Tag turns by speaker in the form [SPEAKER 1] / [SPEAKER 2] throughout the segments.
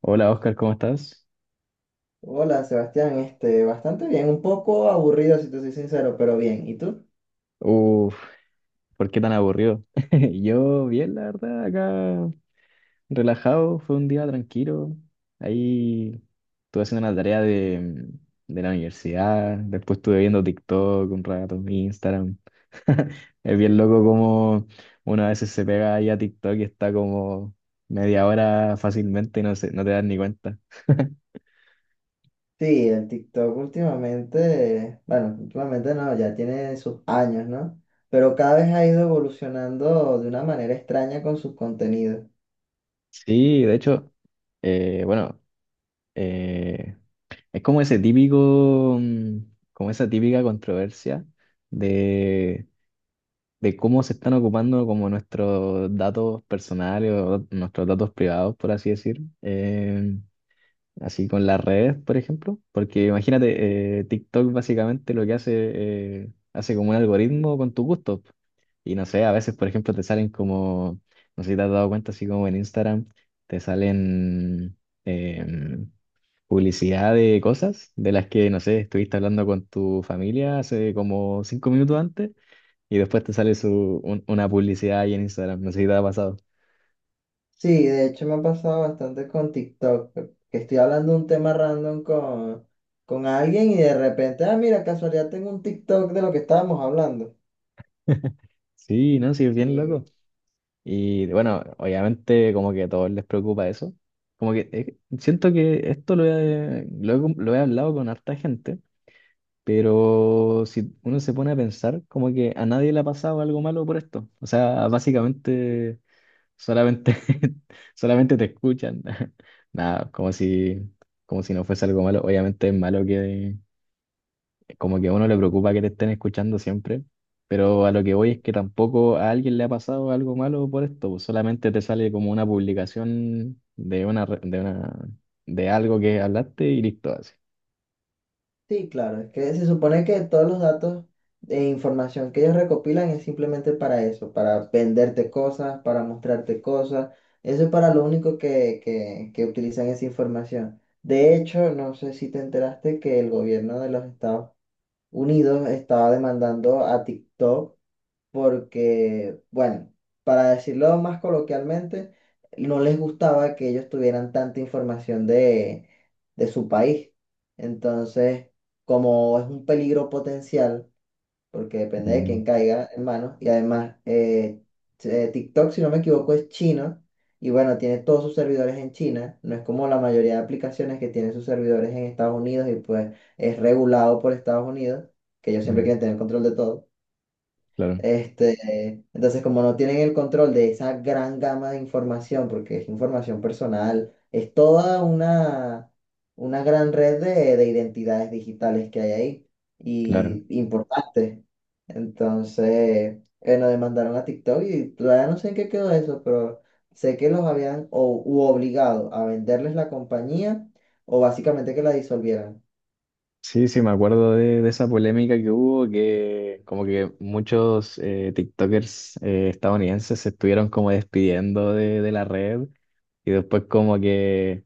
[SPEAKER 1] Hola Oscar, ¿cómo estás?
[SPEAKER 2] Hola Sebastián, bastante bien, un poco aburrido si te soy sincero, pero bien. ¿Y tú?
[SPEAKER 1] Uf, ¿por qué tan aburrido? Yo bien, la verdad, acá relajado, fue un día tranquilo. Ahí estuve haciendo una tarea de la universidad, después estuve viendo TikTok un rato, Instagram. Es bien loco como uno a veces se pega ahí a TikTok y está como media hora fácilmente y no, no te das ni cuenta.
[SPEAKER 2] Sí, el TikTok últimamente, bueno, últimamente no, ya tiene sus años, ¿no? Pero cada vez ha ido evolucionando de una manera extraña con sus contenidos.
[SPEAKER 1] Sí, de hecho, bueno, eh, es como ese típico, como esa típica controversia de, de cómo se están ocupando como nuestros datos personales o nuestros datos privados, por así decir, así con las redes, por ejemplo. Porque imagínate, TikTok básicamente lo que hace, hace como un algoritmo con tu gusto. Y no sé, a veces, por ejemplo, te salen como, no sé si te has dado cuenta, así como en Instagram, te salen, em, publicidad de cosas de las que, no sé, estuviste hablando con tu familia hace como 5 minutos antes y después te sale una publicidad ahí en Instagram, no sé si te ha pasado.
[SPEAKER 2] Sí, de hecho me ha pasado bastante con TikTok, que estoy hablando de un tema random con alguien y de repente, ah, mira, casualidad tengo un TikTok de lo que estábamos hablando.
[SPEAKER 1] Sí, no, sí, es bien loco.
[SPEAKER 2] Sí.
[SPEAKER 1] Y bueno, obviamente como que a todos les preocupa eso. Como que siento que esto lo he hablado con harta gente, pero si uno se pone a pensar, como que a nadie le ha pasado algo malo por esto. O sea, básicamente solamente, solamente te escuchan. Nada, como si no fuese algo malo. Obviamente es malo que como que a uno le preocupa que te estén escuchando siempre, pero a lo que voy es que tampoco a alguien le ha pasado algo malo por esto. Pues, solamente te sale como una publicación de una, de algo que hablaste y listo, así.
[SPEAKER 2] Sí, claro, es que se supone que todos los datos e información que ellos recopilan es simplemente para eso, para venderte cosas, para mostrarte cosas. Eso es para lo único que utilizan esa información. De hecho, no sé si te enteraste que el gobierno de los Estados Unidos estaba demandando a TikTok porque, bueno, para decirlo más coloquialmente, no les gustaba que ellos tuvieran tanta información de su país. Entonces, como es un peligro potencial, porque depende de
[SPEAKER 1] Mm.
[SPEAKER 2] quién caiga en manos, y además TikTok, si no me equivoco, es chino, y bueno, tiene todos sus servidores en China, no es como la mayoría de aplicaciones que tienen sus servidores en Estados Unidos y pues es regulado por Estados Unidos, que ellos siempre
[SPEAKER 1] Mm.
[SPEAKER 2] quieren tener control de todo.
[SPEAKER 1] Claro,
[SPEAKER 2] Entonces, como no tienen el control de esa gran gama de información, porque es información personal, es toda una gran red de identidades digitales que hay ahí
[SPEAKER 1] claro.
[SPEAKER 2] y importante. Entonces, bueno, demandaron a TikTok y todavía no sé en qué quedó eso, pero sé que los habían u obligado a venderles la compañía o básicamente que la disolvieran.
[SPEAKER 1] Sí, sí, me acuerdo de esa polémica que hubo, que como que muchos TikTokers estadounidenses se estuvieron como despidiendo de la red y después como que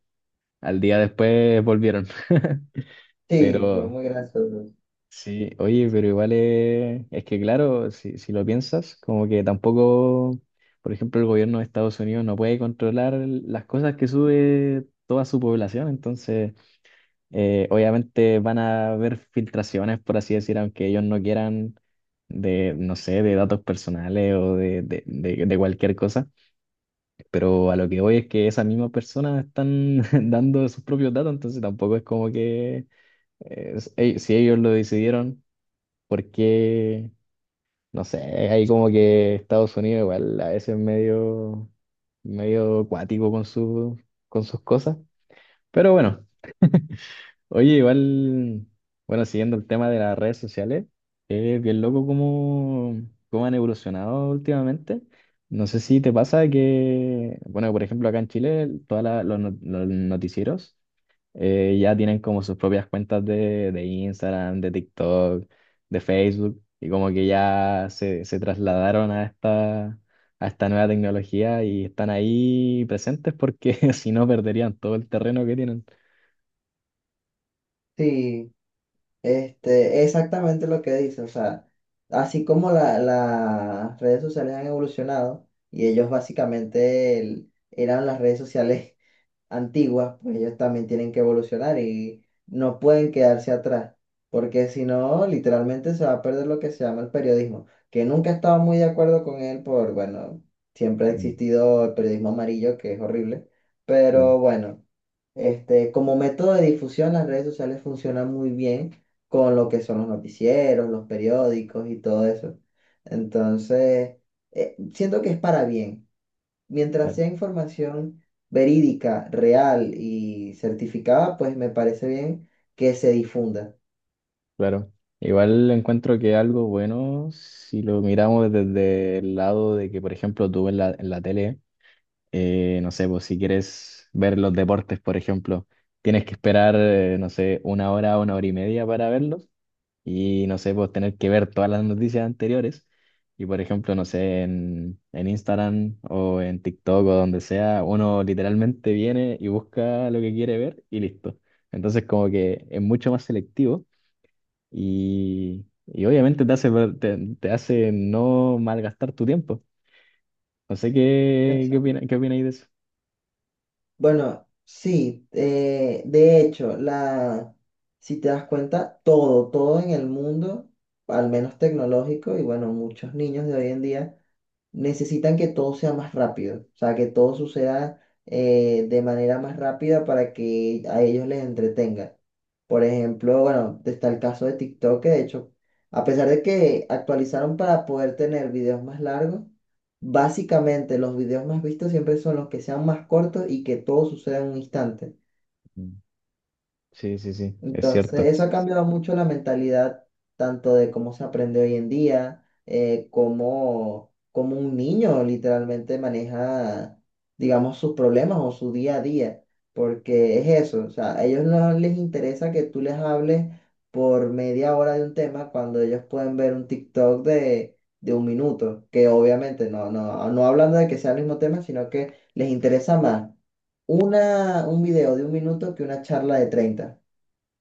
[SPEAKER 1] al día después volvieron.
[SPEAKER 2] Sí, fue
[SPEAKER 1] Pero
[SPEAKER 2] muy gracioso.
[SPEAKER 1] sí, oye, pero igual es que claro, si lo piensas, como que tampoco, por ejemplo, el gobierno de Estados Unidos no puede controlar las cosas que sube toda su población, entonces. Obviamente van a haber filtraciones, por así decir, aunque ellos no quieran, de, no sé, de datos personales o de cualquier cosa. Pero a lo que voy es que esas mismas personas están dando sus propios datos, entonces tampoco es como que si ellos lo decidieron, porque, no sé, hay como que Estados Unidos igual a veces medio cuático con su, con sus cosas. Pero bueno. Oye, igual, bueno, siguiendo el tema de las redes sociales, es bien loco cómo, cómo han evolucionado últimamente. No sé si te pasa que, bueno, por ejemplo, acá en Chile, todos los, no- los noticieros ya tienen como sus propias cuentas de Instagram, de TikTok, de Facebook, y como que ya se trasladaron a esta nueva tecnología y están ahí presentes porque si no perderían todo el terreno que tienen.
[SPEAKER 2] Sí. Exactamente lo que dice, o sea, así como las redes sociales han evolucionado y ellos básicamente eran las redes sociales antiguas, pues ellos también tienen que evolucionar y no pueden quedarse atrás, porque si no, literalmente se va a perder lo que se llama el periodismo, que nunca he estado muy de acuerdo con él por, bueno, siempre ha
[SPEAKER 1] Mm.
[SPEAKER 2] existido el periodismo amarillo, que es horrible,
[SPEAKER 1] Claro.
[SPEAKER 2] pero bueno. Como método de difusión, las redes sociales funcionan muy bien con lo que son los noticieros, los periódicos y todo eso. Entonces, siento que es para bien. Mientras sea información verídica, real y certificada, pues me parece bien que se difunda.
[SPEAKER 1] Claro, igual encuentro que algo bueno, si lo miramos desde el lado de que, por ejemplo, tú en la tele, no sé, pues si quieres ver los deportes, por ejemplo, tienes que esperar, no sé, una hora y media para verlos y, no sé, pues tener que ver todas las noticias anteriores y, por ejemplo, no sé, en Instagram o en TikTok o donde sea, uno literalmente viene y busca lo que quiere ver y listo. Entonces, como que es mucho más selectivo y obviamente te hace no malgastar tu tiempo. No sé qué, qué opina,
[SPEAKER 2] Exacto.
[SPEAKER 1] qué opináis de eso.
[SPEAKER 2] Bueno, sí, de hecho, la, si te das cuenta, todo, todo en el mundo, al menos tecnológico, y bueno, muchos niños de hoy en día necesitan que todo sea más rápido, o sea, que todo suceda de manera más rápida para que a ellos les entretenga. Por ejemplo, bueno, está el caso de TikTok, que de hecho, a pesar de que actualizaron para poder tener videos más largos, básicamente los videos más vistos siempre son los que sean más cortos y que todo suceda en un instante.
[SPEAKER 1] Mm. Sí, sí, sí, es
[SPEAKER 2] Entonces,
[SPEAKER 1] cierto.
[SPEAKER 2] eso ha cambiado mucho la mentalidad, tanto de cómo se aprende hoy en día, cómo, cómo un niño literalmente maneja, digamos, sus problemas o su día a día, porque es eso, o sea, a ellos no les interesa que tú les hables por media hora de un tema cuando ellos pueden ver un TikTok de un minuto, que obviamente no, no, no hablando de que sea el mismo tema, sino que les interesa más una, un video de un minuto que una charla de 30.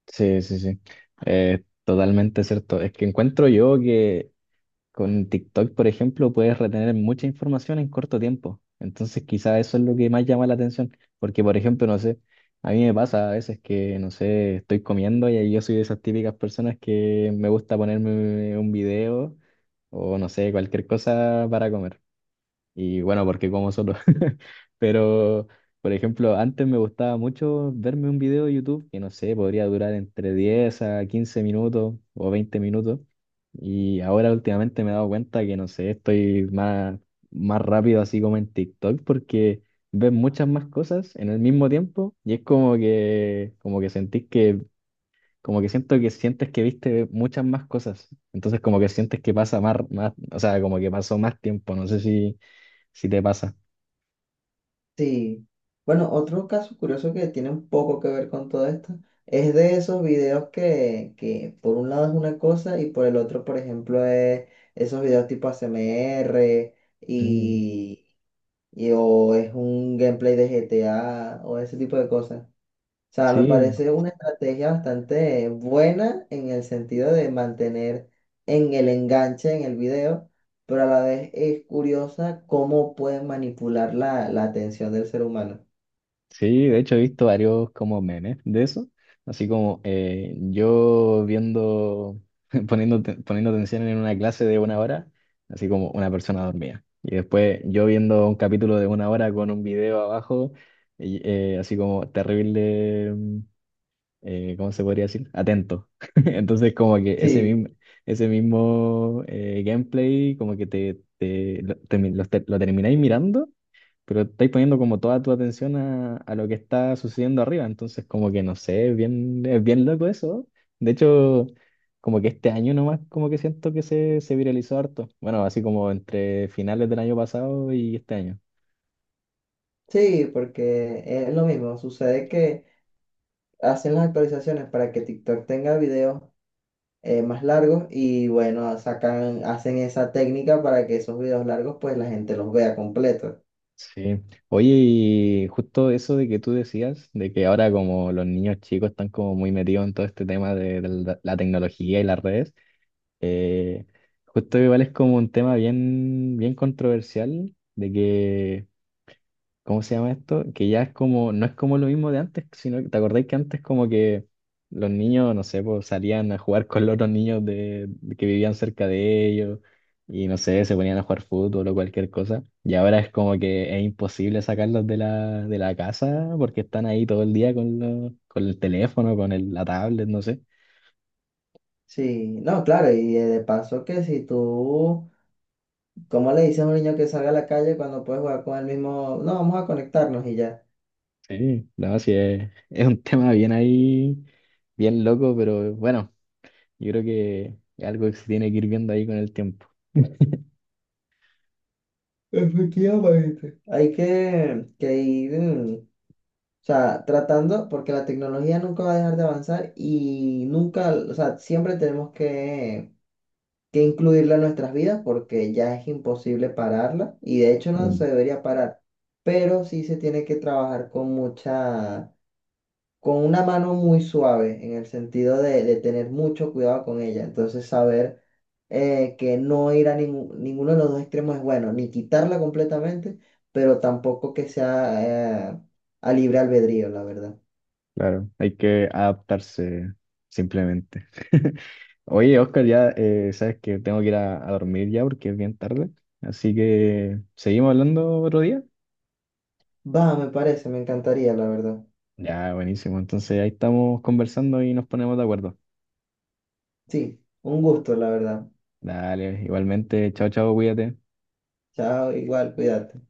[SPEAKER 1] Sí, sí, sí. Totalmente cierto. Es que encuentro yo que con TikTok, por ejemplo, puedes retener mucha información en corto tiempo. Entonces, quizá eso es lo que más llama la atención. Porque, por ejemplo, no sé, a mí me pasa a veces que, no sé, estoy comiendo y ahí yo soy de esas típicas personas que me gusta ponerme un video o, no sé, cualquier cosa para comer. Y bueno, porque como solo. Pero, por ejemplo, antes me gustaba mucho verme un video de YouTube que no sé, podría durar entre 10 a 15 minutos o 20 minutos. Y ahora últimamente me he dado cuenta que no sé, estoy más, rápido así como en TikTok porque ves muchas más cosas en el mismo tiempo y es como que sentís que, como que siento que sientes que viste muchas más cosas. Entonces como que sientes que pasa más, o sea, como que pasó más tiempo. No sé si te pasa.
[SPEAKER 2] Sí. Bueno, otro caso curioso que tiene un poco que ver con todo esto es de esos videos que por un lado es una cosa y por el otro, por ejemplo, es esos videos tipo ASMR
[SPEAKER 1] Mm.
[SPEAKER 2] y, o es un gameplay de GTA o ese tipo de cosas. O sea, me
[SPEAKER 1] Sí,
[SPEAKER 2] parece una estrategia bastante buena en el sentido de mantener en el enganche en el video, pero a la vez es curiosa cómo pueden manipular la atención del ser humano.
[SPEAKER 1] sí, de hecho he visto varios como memes de eso, así como yo viendo, poniendo atención en una clase de una hora, así como una persona dormida, y después yo viendo un capítulo de una hora con un video abajo, y, así como terrible, ¿cómo se podría decir? Atento. Entonces como que ese
[SPEAKER 2] Sí,
[SPEAKER 1] mismo, ese mismo gameplay como que te lo termináis mirando. Pero estáis poniendo como toda tu atención a lo que está sucediendo arriba, entonces como que no sé, es bien loco eso. De hecho, como que este año nomás como que siento que se viralizó harto. Bueno, así como entre finales del año pasado y este año.
[SPEAKER 2] sí, porque es lo mismo. Sucede que hacen las actualizaciones para que TikTok tenga videos más largos y bueno, sacan, hacen esa técnica para que esos videos largos pues la gente los vea completos.
[SPEAKER 1] Sí. Oye, y justo eso de que tú decías, de que ahora como los niños chicos están como muy metidos en todo este tema de la tecnología y las redes, eh, justo igual es como un tema bien, bien controversial, de que ¿cómo se llama esto? Que ya es como, no es como lo mismo de antes, sino que, ¿te acordáis que antes como que los niños, no sé, pues salían a jugar con los otros niños de que vivían cerca de ellos y no sé, se ponían a jugar fútbol o cualquier cosa? Y ahora es como que es imposible sacarlos de la casa porque están ahí todo el día con el teléfono, con la tablet, no sé.
[SPEAKER 2] Sí, no, claro, y de paso que si tú, ¿cómo le dices a un niño que salga a la calle cuando puedes jugar con el mismo? No, vamos a conectarnos y ya.
[SPEAKER 1] Sí, no, sí, es un tema bien ahí, bien loco, pero bueno, yo creo que es algo que se tiene que ir viendo ahí con el tiempo.
[SPEAKER 2] Efectivamente. Hay que ir, o sea, tratando, porque la tecnología nunca va a dejar de avanzar y nunca, o sea, siempre tenemos que incluirla en nuestras vidas porque ya es imposible pararla y de hecho no se debería parar, pero sí se tiene que trabajar con mucha, con una mano muy suave en el sentido de tener mucho cuidado con ella. Entonces, saber que no ir a ninguno de los dos extremos es bueno, ni quitarla completamente, pero tampoco que sea a libre albedrío, la verdad.
[SPEAKER 1] Claro, hay que adaptarse simplemente. Oye, Oscar, ya sabes que tengo que ir a dormir ya porque es bien tarde. Así que, ¿seguimos hablando otro día?
[SPEAKER 2] Va, me parece, me encantaría, la verdad.
[SPEAKER 1] Ya, buenísimo. Entonces ahí estamos conversando y nos ponemos de acuerdo.
[SPEAKER 2] Sí, un gusto, la verdad.
[SPEAKER 1] Dale, igualmente, chao, chao, cuídate.
[SPEAKER 2] Chao, igual, cuídate.